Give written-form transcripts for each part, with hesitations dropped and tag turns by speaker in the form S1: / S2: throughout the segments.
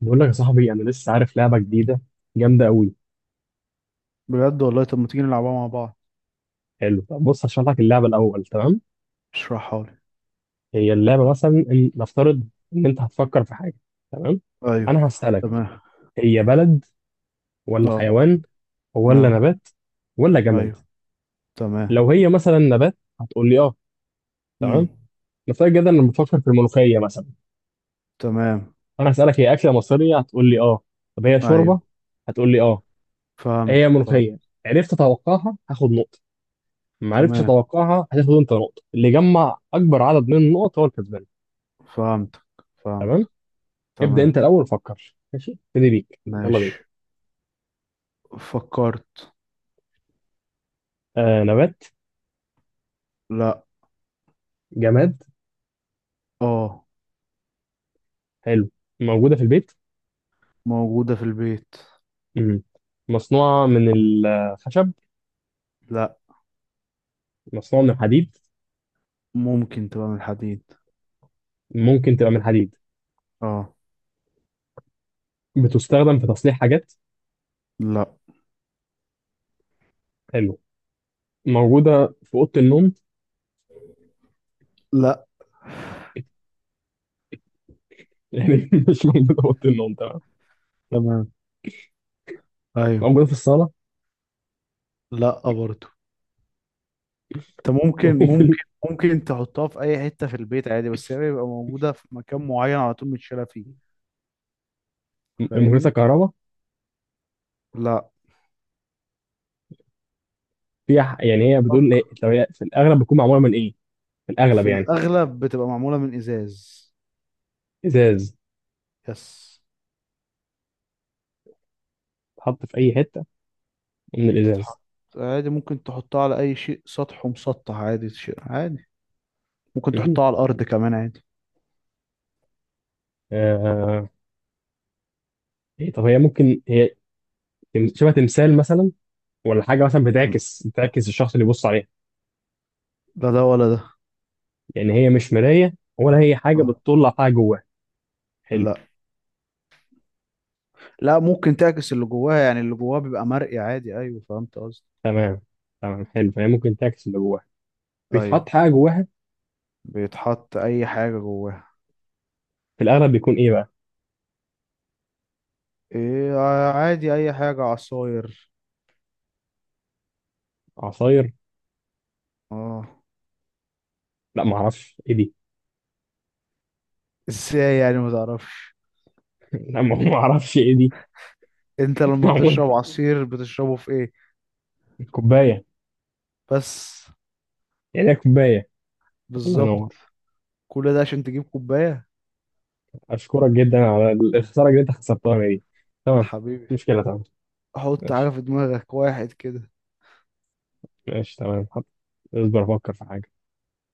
S1: بقول لك يا صاحبي، انا لسه عارف لعبه جديده جامده قوي.
S2: بجد والله. طب ما تيجي نلعبها مع بعض.
S1: حلو، طب بص هشرح لك اللعبه الاول، تمام.
S2: اشرحها لي.
S1: هي اللعبه مثلا إن نفترض ان انت هتفكر في حاجه، تمام.
S2: ايوه.
S1: انا هسالك
S2: تمام.
S1: هي بلد ولا
S2: اه.
S1: حيوان ولا
S2: اه.
S1: نبات ولا جماد.
S2: ايوه. تمام.
S1: لو هي مثلا نبات هتقول لي اه، تمام.
S2: امم
S1: نفترض جدا ان بفكر في الملوخيه مثلا.
S2: تمام.
S1: انا هسالك هي اكله مصريه هتقول لي اه، طب هي
S2: ايوه.
S1: شوربه، هتقول لي اه، هي
S2: فهمتك،
S1: ملوخيه.
S2: فهمت.
S1: عرفت اتوقعها هاخد نقطه، ما عرفتش
S2: تمام.
S1: اتوقعها هتاخد انت نقطه، اللي يجمع اكبر عدد من النقط هو الكسبان.
S2: فهمتك، فهمت.
S1: تمام، ابدا انت
S2: تمام.
S1: الاول فكر، ماشي ابتدي بيك، يلا بينا.
S2: ماشي، فكرت.
S1: آه نبات؟
S2: لا.
S1: جماد؟
S2: اه.
S1: حلو. موجوده في البيت؟
S2: موجودة في البيت.
S1: مم. مصنوعه من الخشب؟
S2: لا.
S1: مصنوعه من الحديد؟
S2: ممكن تبقى من الحديد.
S1: ممكن تبقى من الحديد.
S2: اه.
S1: بتستخدم في تصليح حاجات؟
S2: لا.
S1: حلو. موجوده في اوضه النوم؟
S2: لا.
S1: يعني مش موجوده في اوضه النوم، تمام.
S2: تمام. ايوه.
S1: موجوده في الصاله؟
S2: لا برضو. انت
S1: وفي الم-
S2: ممكن تحطها في اي حته في البيت عادي، بس هي بيبقى موجوده في مكان معين على طول متشاله فيه،
S1: مهندسه
S2: فاهمني؟
S1: كهرباء؟
S2: لا.
S1: يعني هي بتقول
S2: أك-
S1: إيه؟ لو هي في الاغلب بتكون معموله من ايه؟ في
S2: في
S1: الاغلب يعني.
S2: الاغلب بتبقى معموله من ازاز.
S1: ازاز؟
S2: يس.
S1: اتحط في اي حته من الازاز؟
S2: تتحط عادي، ممكن تحطها على اي شيء سطح ومسطح عادي، شيء عادي. ممكن
S1: مهم.
S2: تحطها على الارض كمان عادي.
S1: آه... إيه طب هي ممكن شبه تمثال مثلا، ولا حاجه مثلا
S2: تمام.
S1: بتعكس الشخص اللي بيبص عليها؟
S2: لا ده ولا ده.
S1: يعني هي مش مرايه ولا هي حاجه
S2: اه.
S1: بتطلع حاجه جواها؟ حلو.
S2: لا. لا، ممكن تعكس اللي جواها، يعني اللي جواها بيبقى مرئي عادي، ايوه فهمت قصدي.
S1: تمام، تمام حلو، فهي ممكن تعكس اللي جواها، بيتحط
S2: ايوه.
S1: حاجه جواها.
S2: بيتحط اي حاجه جواها.
S1: في الاغلب بيكون ايه بقى؟
S2: ايه؟ عادي اي حاجه، عصاير.
S1: عصاير؟
S2: اه.
S1: لا ما اعرفش ايه دي.
S2: ازاي يعني ما تعرفش؟
S1: لا، ما اعرفش ايه دي.
S2: انت لما
S1: معمول.
S2: بتشرب عصير بتشربه في ايه؟
S1: كوبايه؟
S2: بس.
S1: يعني هي كوبايه. الله
S2: بالظبط.
S1: ينور،
S2: كل ده عشان تجيب كوباية.
S1: اشكرك جدا على الخساره اللي انت خسرتها دي. تمام،
S2: حبيبي.
S1: مشكله، تمام.
S2: حط حاجة
S1: ماشي،
S2: في دماغك واحد كده.
S1: ماشي تمام حط. اصبر افكر في حاجة.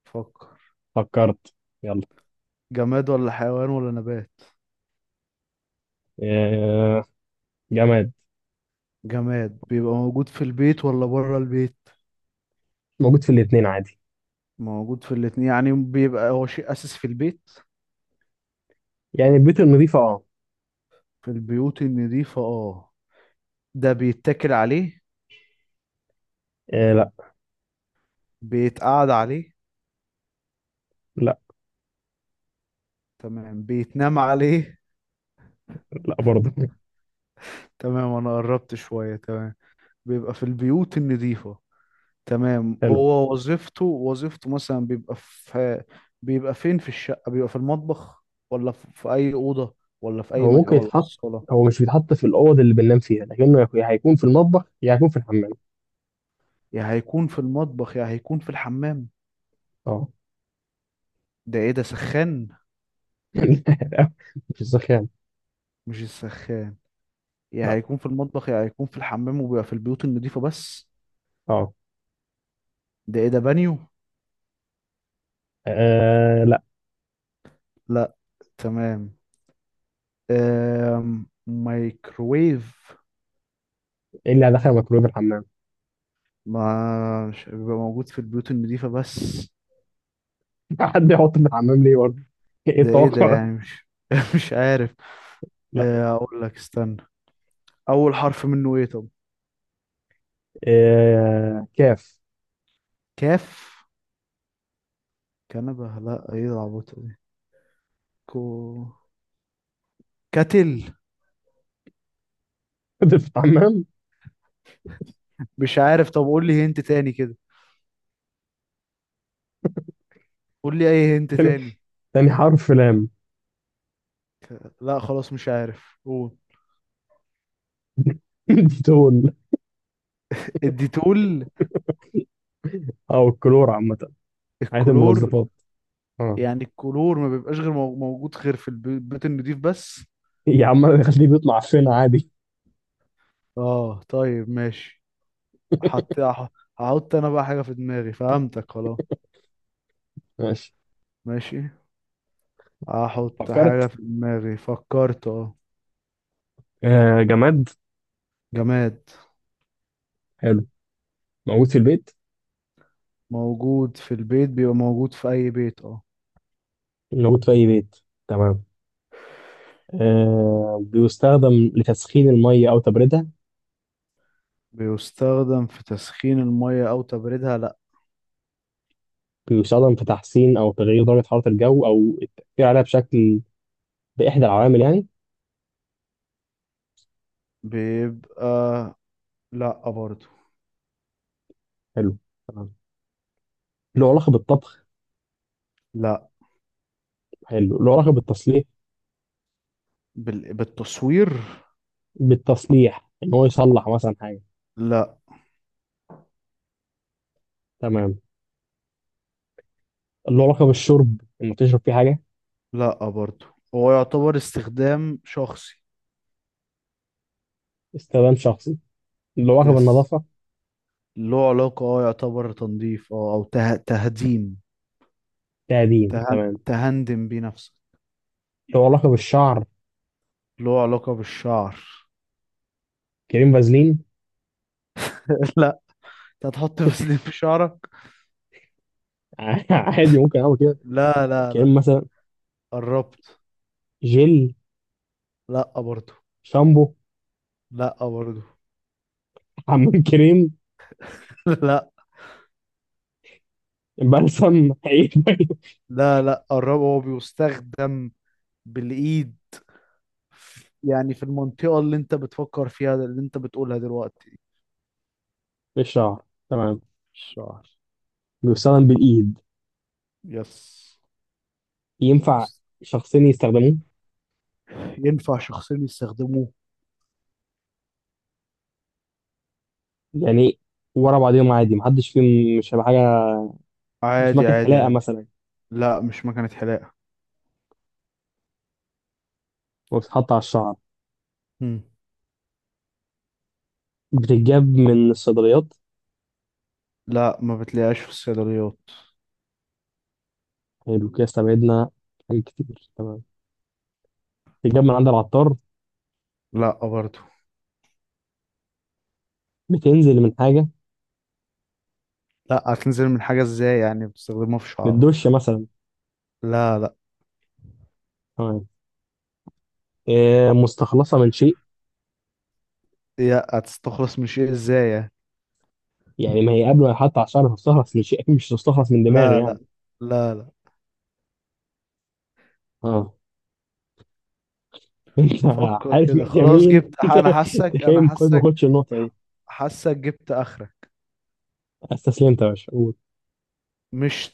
S2: فكر.
S1: فكرت؟ يلا.
S2: جماد ولا حيوان ولا نبات؟
S1: آه، جماد.
S2: جماد بيبقى موجود في البيت ولا بره البيت؟
S1: موجود في الاتنين عادي.
S2: موجود في الاتنين، يعني بيبقى هو شيء أساسي في البيت.
S1: يعني البيوت النظيفة، اه.
S2: في البيوت النظيفة اه. ده بيتاكل عليه؟
S1: آه، لا
S2: بيتقعد عليه؟
S1: لا.
S2: تمام، بيتنام عليه؟
S1: لا برضه.
S2: تمام انا قربت شوية. تمام، بيبقى في البيوت النظيفة. تمام،
S1: حلو.
S2: هو وظيفته، مثلا بيبقى في، بيبقى فين في الشقة؟ بيبقى في المطبخ، ولا في أي أوضة، ولا في أي
S1: هو
S2: مكان،
S1: ممكن
S2: ولا في
S1: يتحط،
S2: الصالة؟
S1: هو مش بيتحط في الأوض اللي بننام فيها، لكنه يا هيكون في المطبخ يا هيكون في الحمام.
S2: يا هيكون في المطبخ يا هيكون في الحمام.
S1: اه.
S2: ده إيه، ده سخان؟
S1: لا، مش السخان.
S2: مش السخان. يا
S1: لا.
S2: هيكون في المطبخ يا هيكون في الحمام، وبيبقى في البيوت النظيفة بس.
S1: اه.
S2: ده إيه، ده بانيو؟
S1: آه، لا.
S2: لا. تمام. مايكرويف.
S1: ايه اللي هدخل ميكرويف الحمام؟
S2: ما مش بيبقى موجود في البيوت النظيفة بس.
S1: حد يحط في الحمام ليه برضه؟ ايه
S2: ده ايه ده
S1: التوقع ده؟
S2: يعني، مش مش عارف.
S1: لا.
S2: آه، اقول لك، استنى. اول حرف منه ايه طب؟
S1: آه، كاف.
S2: كاف. كنبه؟ لا ايه العبط دي. كو. كتل.
S1: في الحمام.
S2: مش عارف. طب قول لي هنت تاني كده، قول لي اي هنت
S1: تاني،
S2: تاني.
S1: تاني حرف لام.
S2: لا خلاص مش عارف، قول.
S1: الديتول.
S2: الديتول.
S1: او الكلور عامه. حياه
S2: الكلور.
S1: المنظفات. اه.
S2: يعني الكلور ما بيبقاش غير موجود غير في البيت النضيف بس.
S1: يا عم انا خليه بيطلع فين عادي.
S2: اه طيب ماشي. حط، هحط انا بقى حاجة في دماغي، فهمتك خلاص.
S1: ماشي.
S2: ماشي. احط حاجة
S1: فكرت.
S2: في دماغي. فكرت اه.
S1: آه جماد.
S2: جماد.
S1: حلو. موجود في البيت.
S2: موجود في البيت، بيبقى موجود في أي بيت اه.
S1: موجود في أي بيت. تمام. آه بيستخدم لتسخين الميه او تبريدها؟
S2: بيستخدم في تسخين المية أو تبريدها، لأ.
S1: بيستخدم في تحسين أو تغيير درجة حرارة الجو أو التأثير عليها بشكل، بإحدى العوامل يعني.
S2: بيبقى، لأ برضو.
S1: حلو، تمام. له علاقة بالطبخ؟
S2: لأ.
S1: حلو، له علاقة بالتصليح،
S2: بالتصوير.
S1: بالتصليح إن هو يصلح مثلا حاجة.
S2: لأ.
S1: تمام. له علاقة بالشرب؟ إنه تشرب فيه حاجة؟
S2: لأ برضو. هو يعتبر استخدام شخصي.
S1: استخدام شخصي. له لقب
S2: يس.
S1: النظافة.
S2: له علاقة اه، يعتبر تنظيف اه، أو تهديم،
S1: تقديم
S2: تهن...
S1: تمام.
S2: تهندم بيه نفسك.
S1: له لقب الشعر.
S2: له علاقة بالشعر.
S1: كريم فازلين؟
S2: لأ. انت هتحط فسيلين في شعرك؟
S1: عادي ممكن اعمل كده.
S2: لا لا لا.
S1: كريم مثلا؟
S2: قربت.
S1: جل؟
S2: لأ برضو.
S1: شامبو؟
S2: لأ برضو.
S1: حمام كريم؟
S2: لا.
S1: بلسم؟ اي حاجة
S2: لا لا، قربه. هو بيستخدم بالإيد، يعني في المنطقة اللي انت بتفكر فيها، اللي انت بتقولها دلوقتي.
S1: في الشعر. تمام.
S2: الشعر.
S1: بيستخدم بالايد.
S2: يس.
S1: ينفع شخصين يستخدموه؟
S2: ينفع شخصين يستخدموه،
S1: يعني ورا بعضهم عادي، محدش فيهم مش هيبقى حاجة. مش
S2: عادي
S1: ماكينة
S2: عادي
S1: حلاقة
S2: عادي.
S1: مثلا؟
S2: لا مش مكنة حلاقة.
S1: وبتتحط على الشعر.
S2: مم.
S1: بتتجاب من الصيدليات؟
S2: لا ما بتلاقيهاش في الصيدليات.
S1: حلو كده، استبعدنا حاجات كتير، تمام. بتتجاب من عند العطار؟
S2: لا برضو.
S1: بتنزل من حاجة؟
S2: لا هتنزل من حاجة ازاي، يعني بتستخدمها في
S1: من
S2: شعرك.
S1: الدش مثلا؟
S2: لا لا.
S1: تمام. آه، مستخلصه من شيء.
S2: يا هتستخلص من شيء ازاي يعني.
S1: يعني ما هي قبل ما يحط على الشعر تستخلص من شيء، اكيد مش تستخلص من دماغي
S2: لا
S1: يعني.
S2: لا. لا لا.
S1: اه. انت
S2: فكر
S1: عارف؟
S2: كده
S1: ماشي
S2: خلاص،
S1: يمين.
S2: جبت، انا حاسك انا
S1: تخيل خد ما
S2: حاسك.
S1: خدش النقطه دي.
S2: حاسك جبت اخرك.
S1: استسلمت يا باشا، قول.
S2: مش.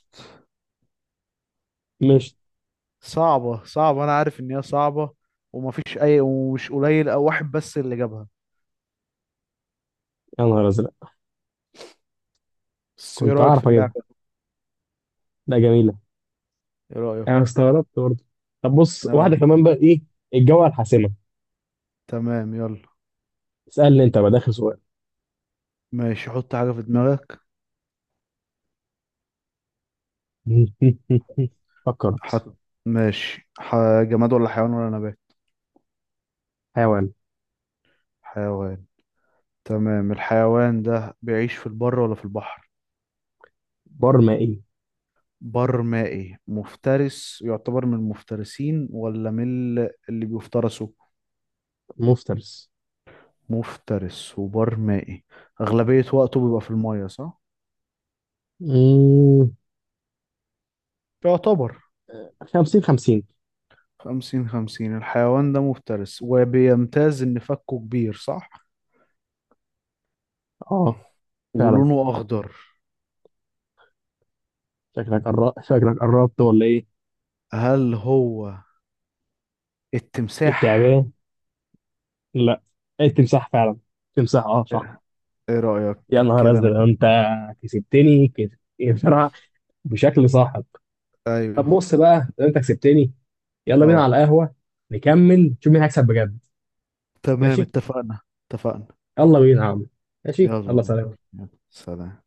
S1: مش.
S2: صعبة صعبة، انا عارف ان هي صعبة، ومفيش اي، ومش قليل او واحد بس اللي جابها.
S1: يا نهار ازرق،
S2: بس ايه
S1: كنت
S2: رأيك في
S1: هعرف اجيبها.
S2: اللعبة؟
S1: لا جميله.
S2: ايه رأيك؟
S1: انا استغربت برضه. طب بص واحده
S2: اه.
S1: كمان بقى، ايه الجوله الحاسمه.
S2: تمام يلا.
S1: اسالني انت بقى، ده اخر سؤال.
S2: ماشي، حط حاجة في دماغك.
S1: فكرت.
S2: حط. ماشي جماد ولا حيوان ولا نبات؟
S1: حيوان.
S2: حيوان. تمام، الحيوان ده بيعيش في البر ولا في البحر؟
S1: برمائي
S2: بر مائي، مفترس، يعتبر من المفترسين ولا من اللي بيفترسوا؟
S1: مفترس.
S2: مفترس وبر مائي، أغلبية وقته بيبقى في المية صح؟
S1: مم،
S2: يعتبر
S1: 50 50.
S2: 50-50. الحيوان ده مفترس، وبيمتاز إن فكه كبير صح؟
S1: اه فعلا.
S2: ولونه أخضر.
S1: شكلك قربت، شكلك قربت ولا ايه؟
S2: هل هو التمساح؟
S1: التعبان؟ لا، التمساح فعلا، تمساح اه صح.
S2: إيه رأيك؟
S1: يا نهار
S2: كده أنا.
S1: ازرق انت كسبتني كده بصراحه، بشكل صاحب. طب
S2: أيوه.
S1: بص بقى، لو انت كسبتني يلا بينا
S2: أه
S1: على القهوه، نكمل نشوف مين هيكسب بجد.
S2: تمام
S1: ماشي،
S2: اتفقنا. اتفقنا.
S1: يلا بينا يا عم، ماشي
S2: يلا
S1: يلا
S2: بينا.
S1: سلام.
S2: يلا سلام.